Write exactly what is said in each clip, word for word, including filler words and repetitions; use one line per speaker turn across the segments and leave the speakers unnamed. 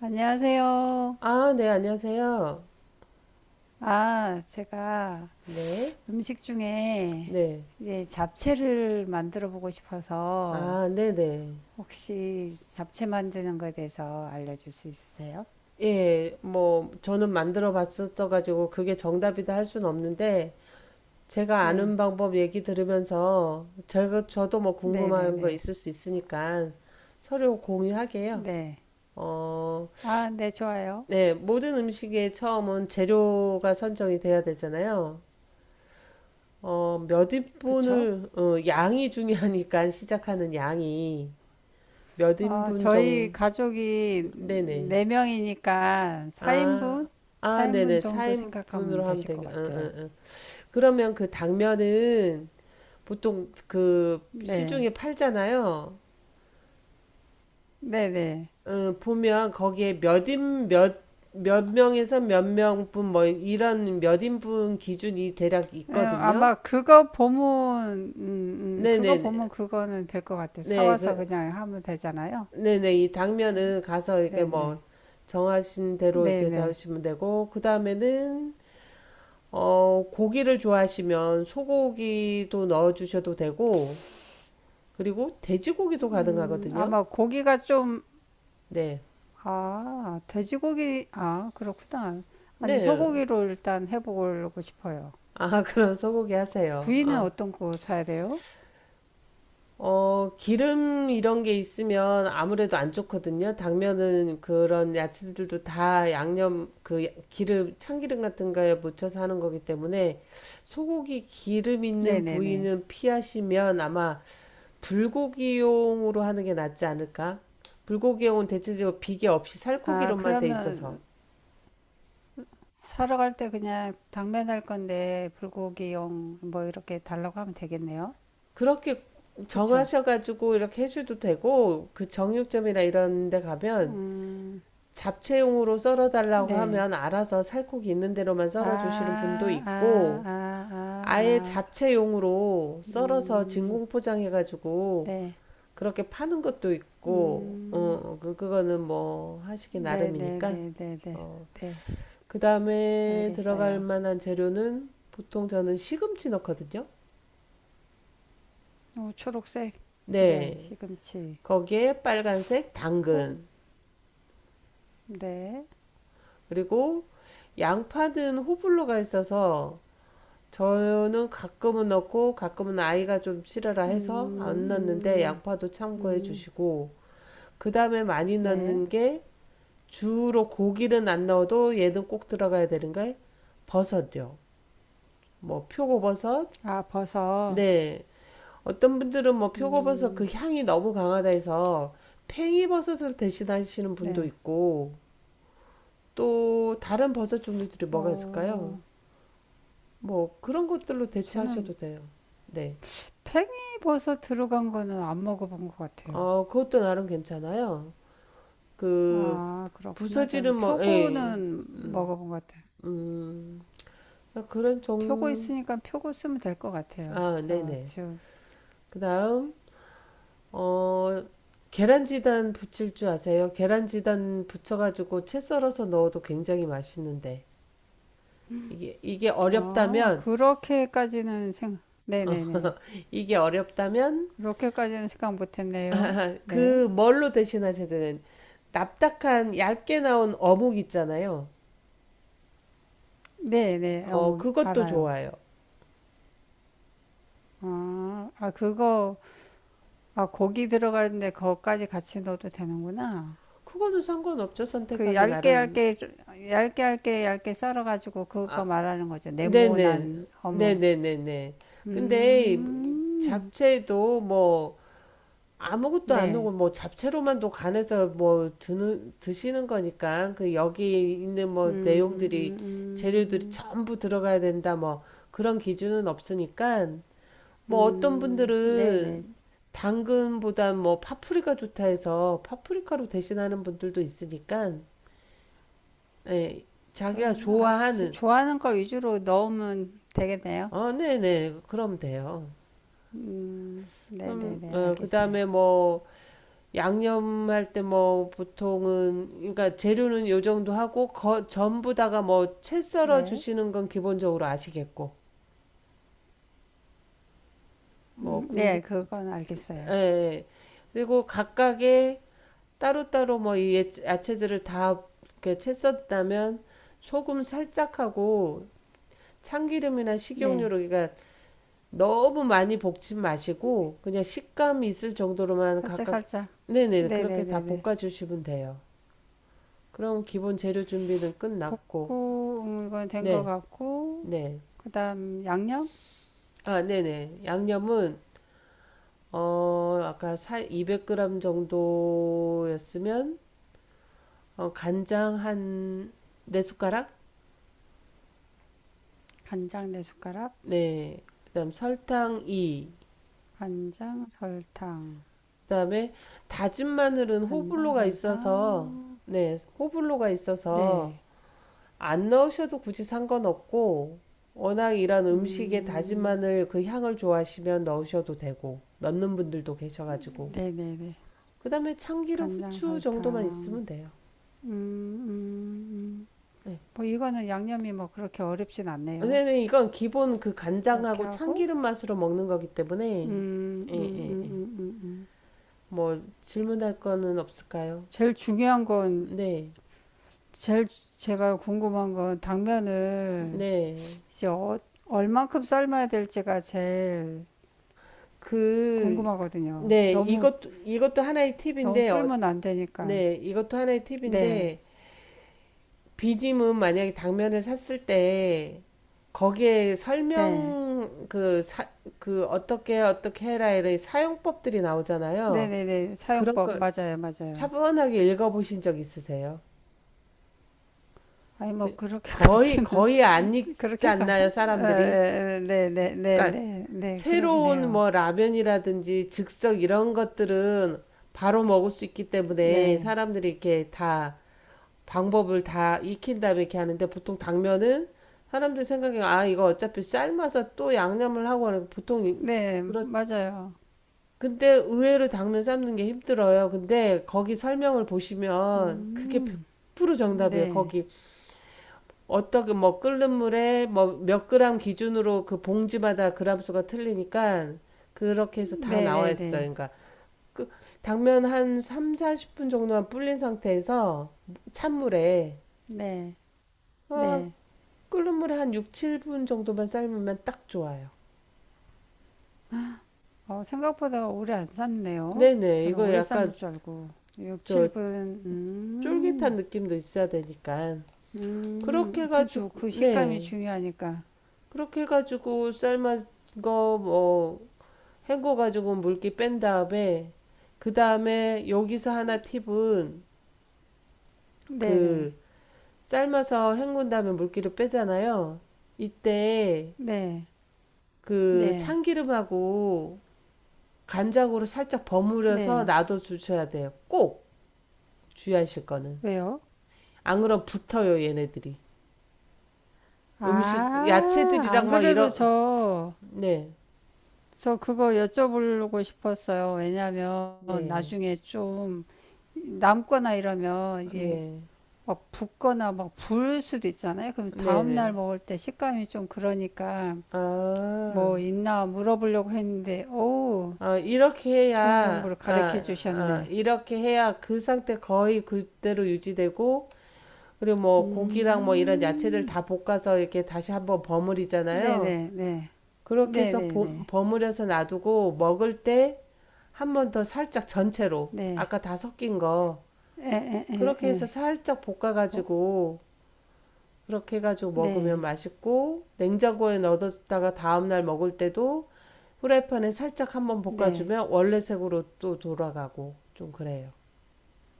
안녕하세요.
아, 네, 안녕하세요.
아, 제가
네,
음식 중에
네.
이제 잡채를 만들어 보고 싶어서
아, 네네.
혹시 잡채 만드는 거에 대해서 알려줄 수 있으세요?
예, 뭐, 저는 만들어 봤었어가지고, 그게 정답이다 할 순 없는데, 제가
네,
아는 방법 얘기 들으면서, 제가, 저도 뭐
네, 네,
궁금한 거
네,
있을 수 있으니까, 서류 공유하게요.
네.
어,
아, 네, 좋아요.
네, 모든 음식의 처음은 재료가 선정이 돼야 되잖아요. 어, 몇
그쵸?
인분을, 어, 양이 중요하니까, 시작하는 양이, 몇
어,
인분
저희
정도,
가족이
네네.
네명이니까
아,
사 인분?
아,
사 인분
네네.
정도
사 인분으로
생각하면
하면
되실 것
되게, 응,
같아요.
응, 응. 그러면 그 당면은 보통 그
네,
시중에 팔잖아요.
네, 네.
응, 보면 거기에 몇 인, 몇, 몇 명에서 몇 명분 뭐 이런 몇 인분 기준이 대략
예,
있거든요.
아마 그거 보면, 음, 음, 그거
네네네.
보면 그거는 될 것 같아요.
네,
사와서
그,
그냥 하면 되잖아요.
네네. 이 당면은 가서 이렇게 뭐
네네.
정하신 대로 이렇게
네네.
잡으시면 되고, 그 다음에는 어, 고기를 좋아하시면 소고기도 넣어 주셔도 되고, 그리고 돼지고기도
음,
가능하거든요.
아마 고기가 좀,
네.
아, 돼지고기, 아, 그렇구나. 아니,
네.
소고기로 일단 해보고 싶어요.
아, 그럼 소고기 하세요.
부위는
아.
어떤 거 사야 돼요?
어, 기름 이런 게 있으면 아무래도 안 좋거든요. 당면은 그런 야채들도 다 양념, 그 기름, 참기름 같은 거에 묻혀서 하는 거기 때문에 소고기 기름 있는
네네네.
부위는 피하시면 아마 불고기용으로 하는 게 낫지 않을까? 불고기용은 대체적으로 비계 없이
아,
살코기로만 돼 있어서
그러면 사러 갈 때 그냥 당면할 건데, 불고기용 뭐 이렇게 달라고 하면 되겠네요.
그렇게
그쵸?
정하셔가지고 이렇게 해줘도 되고 그 정육점이나 이런 데 가면
음,
잡채용으로 썰어달라고
네.
하면 알아서 살코기 있는 대로만
아,
썰어주시는 분도
아,
있고
아, 아,
아예
아.
잡채용으로 썰어서
음,
진공 포장해가지고
네.
그렇게 파는 것도 있고
음,
어, 그, 그거는 뭐 하시기
네, 네,
나름이니까.
네, 네, 네.
어,
네.
그 다음에 들어갈
알겠어요.
만한 재료는 보통 저는 시금치 넣거든요.
어, 초록색. 네,
네.
시금치.
거기에 빨간색
뽕.
당근.
네.
그리고 양파는 호불호가 있어서 저는 가끔은 넣고 가끔은 아이가 좀 싫어라
음,
해서 안 넣는데
음,
양파도 참고해
음,
주시고 그 다음에 많이
네.
넣는 게 주로 고기는 안 넣어도 얘는 꼭 들어가야 되는 게 버섯요. 뭐 표고버섯,
아, 버섯.
네, 어떤 분들은 뭐 표고버섯 그
음,
향이 너무 강하다 해서 팽이버섯으로 대신하시는 분도
네.
있고 또 다른 버섯 종류들이 뭐가 있을까요?
어,
뭐 그런 것들로
저는
대체하셔도 돼요. 네.
팽이버섯 들어간 거는 안 먹어본 것 같아요.
어, 그것도 나름 괜찮아요. 그
아, 그렇구나. 전
부서지는 뭐 예.
표고는
음.
먹어본 것 같아요.
음. 그런
표고
종
있으니까 표고 쓰면 될 것 같아요.
아,
저
네네.
지금
그다음 어 계란지단 부칠 줄 아세요? 계란지단 부쳐가지고 채 썰어서 넣어도 굉장히 맛있는데. 이게, 이게
어
어렵다면,
그렇게까지는 생각
어,
네네네
이게 어렵다면,
그렇게까지는 생각 못했네요.
아,
네
그 뭘로 대신하셔야 되는, 납작한 얇게 나온 어묵 있잖아요.
네네
어,
어묵
그것도
알아요.
좋아요.
아, 아 그거 아 고기 들어가는데 그거까지 같이 넣어도 되는구나.
그거는 상관없죠.
그
선택하기
얇게
나름.
얇게 얇게 얇게 얇게 썰어가지고 그거
아,
말하는 거죠.
네네.
네모난 어묵.
네네네네. 근데
음,
잡채도 뭐, 아무것도 안
네.
오고 뭐 잡채로만 도 간해서 뭐 드는 드시는 거니까 그 여기 있는 뭐
음,
내용들이
음,
재료들이
음,
전부 들어가야 된다 뭐 그런 기준은 없으니까 뭐 어떤
음,
분들은
네네.
당근보다 뭐 파프리카 좋다 해서 파프리카로 대신하는 분들도 있으니까 예, 자기가
그런 아,
좋아하는
좋아하는 걸 위주로 넣으면 되겠네요.
어 네네 그럼 돼요.
음,
그럼
네네네,
어,
알겠어요.
그다음에 뭐 양념할 때 뭐 보통은 그러니까 재료는 요 정도 하고 거, 전부 다가 뭐 채 썰어
네,
주시는 건 기본적으로 아시겠고 뭐
음,
궁금
네, 그건
예,
알겠어요.
예. 그리고 각각의 따로따로 뭐 이 야채들을 다 이렇게 채 썼다면 소금 살짝 하고 참기름이나
네,
식용유로 그러니까 너무 많이 볶지 마시고 그냥 식감 이 있을 정도로만
살짝
각각
살짝.
네네 그렇게 다
네네네네.
볶아 주시면 돼요. 그럼 기본 재료 준비는 끝났고
볶고 음, 이건 된 것
네,
같고,
네.
그다음 양념,
아, 네네. 양념은, 어, 아까 사, 이백 그램 정도였으면, 어, 간장 한, 네 숟가락?
간장 네 숟가락,
네. 그다음 설탕 이.
간장 설탕,
그다음에 다진 마늘은
간장
호불호가 있어서,
설탕.
네, 호불호가 있어서,
네,
안 넣으셔도 굳이 상관없고, 워낙 이런 음식에 다진
음,
마늘 그 향을 좋아하시면 넣으셔도 되고, 넣는 분들도 계셔가지고.
네네네.
그다음에 참기름,
간장
후추 정도만
설탕.
있으면 돼요.
음, 음, 음. 뭐 이거는 양념이 뭐 그렇게 어렵진 않네요.
요새는 이건 기본 그
이렇게
간장하고
하고,
참기름 맛으로 먹는 거기
음,
때문에, 예,
음, 음,
예,
음,
예.
음, 음. 음.
뭐, 질문할 거는 없을까요?
제일 중요한 건,
네,
제일 제가 궁금한 건 당면을
네.
이제 어, 얼만큼 삶아야 될지가 제일
그,
궁금하거든요.
네,
너무,
이것도, 이것도 하나의
너무
팁인데, 어,
불면 안 되니까.
네, 이것도 하나의
네,
팁인데, 비빔은 만약에 당면을 샀을 때, 거기에
네.
설명, 그, 사, 그, 어떻게, 어떻게 해라, 이런 사용법들이
네
나오잖아요.
네 네.
그런
사용법,
걸
맞아요, 맞아요.
차분하게 읽어보신 적 있으세요?
아니, 뭐,
거의
그렇게까지는,
거의 안 익지
그렇게까지,
않나요, 사람들이?
네네 네
그러니까
네 네, 그러긴
새로운
해요.
뭐 라면이라든지 즉석 이런 것들은 바로 먹을 수 있기 때문에
네.
사람들이 이렇게 다 방법을 다 익힌 다음에 이렇게 하는데 보통 당면은 사람들 생각에 아 이거 어차피 삶아서 또 양념을 하고 하는 거 보통
네,
그렇
맞아요.
근데 의외로 당면 삶는 게 힘들어요. 근데 거기 설명을 보시면 그게
음,
백 퍼센트 정답이에요.
네.
거기 어떻게 뭐 끓는 물에 뭐 몇 그램 기준으로 그 봉지마다 그램 수가 틀리니까 그렇게 해서 다 나와
네네네. 네,
있어요. 그러니까 그 당면 한 삼, 사십 분 정도만 불린 상태에서 찬물에
네. 네,
어,
네.
끓는 물에 한 육, 칠 분 정도만 삶으면 딱 좋아요.
어, 생각보다 오래 안 삶네요.
네네.
저는
이거
오래 삶을
약간
줄 알고. 육,
저
칠 분,
쫄깃한
음,
느낌도 있어야 되니까 그렇게
음, 그죠.
해가지고
그 식감이
네
중요하니까.
그렇게 해가지고 삶은거뭐 헹궈가지고 물기 뺀 다음에 그 다음에 여기서 하나 팁은
네네.
그 삶아서 헹군 다음에 물기를 빼잖아요. 이때
네, 네,
그
네.
참기름하고 간장으로 살짝 버무려서
네.
놔둬 주셔야 돼요. 꼭 주의하실 거는.
왜요?
안 그럼 붙어요, 얘네들이. 음식,
아, 안
야채들이랑 막
그래도
이런,
저,
네,
저 그거 여쭤보려고 싶었어요. 왜냐면
네,
나중에 좀 남거나 이러면 이게
네,
막 붓거나 막 부을 수도 있잖아요. 그럼
네,
다음 날
네.
먹을 때 식감이 좀 그러니까
아.
뭐 있나 물어보려고 했는데 오
어, 이렇게
좋은
해야,
정보를
아,
가르쳐
아,
주셨네.
이렇게 해야 그 상태 거의 그대로 유지되고, 그리고 뭐 고기랑 뭐 이런 야채들
음,
다 볶아서 이렇게 다시 한번 버무리잖아요.
네네네,
그렇게 해서
네네네,
보-
네,
버무려서 놔두고 먹을 때 한번 더 살짝 전체로,
네.
아까 다 섞인 거, 그렇게 해서 살짝
뭐,
볶아가지고, 그렇게 해가지고 먹으면
네,
맛있고, 냉장고에 넣어뒀다가 다음날 먹을 때도 후라이팬에 살짝 한번
네,
볶아주면 원래 색으로 또 돌아가고 좀 그래요.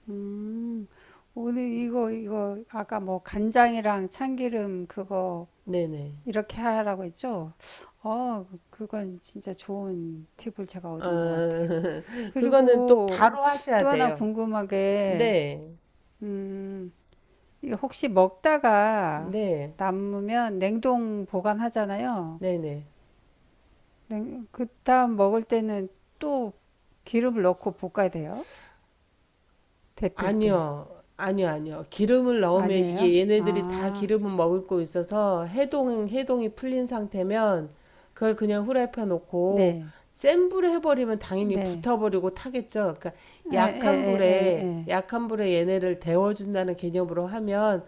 음, 오늘 이거 이거 아까 뭐 간장이랑 참기름 그거
네네.
이렇게 하라고 했죠? 어, 그건 진짜 좋은 팁을 제가
아,
얻은 것 같아요.
그거는 또
그리고
바로
또
하셔야
하나
돼요.
궁금하게,
네.
음, 이거 혹시 먹다가
네.
남으면 냉동 보관하잖아요.
네네.
냉, 그다음 먹을 때는 또 기름을 넣고 볶아야 돼요. 데필 때.
아니요. 아니요, 아니요. 기름을 넣으면
아니에요?
이게 얘네들이 다
아,
기름을 머금고 있어서 해동, 해동이 풀린 상태면 그걸 그냥 후라이팬 놓고
네,
센 불에 해버리면 당연히
네.
붙어버리고 타겠죠. 그러니까
에, 에,
약한
에, 에,
불에,
에.
약한 불에 얘네를 데워준다는 개념으로 하면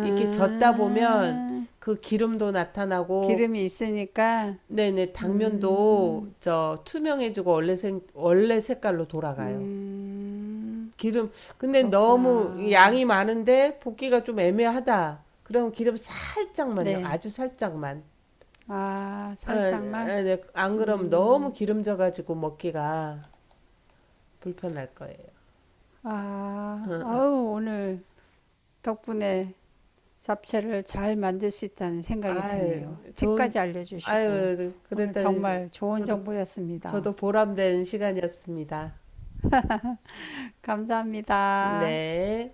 이렇게 젓다 보면 그 기름도 나타나고,
기름이 있으니까,
네네,
음,
당면도 저 투명해지고 원래 생, 원래 색깔로 돌아가요.
음,
기름, 근데 너무
그렇구나.
양이 많은데 볶기가 좀 애매하다. 그럼 기름 살짝만요.
네.
아주 살짝만.
아,
아,
살짝만?
아, 네. 안 그럼 너무
음,
기름져가지고 먹기가 불편할 거예요. 어,
아,
어.
아우, 오늘 덕분에 잡채를 잘 만들 수 있다는 생각이 드네요.
아유, 좋은,
팁까지 알려주시고,
아유, 그랬
오늘
더니
정말 좋은
저도,
정보였습니다.
저도 보람된 시간이었습니다.
감사합니다.
네.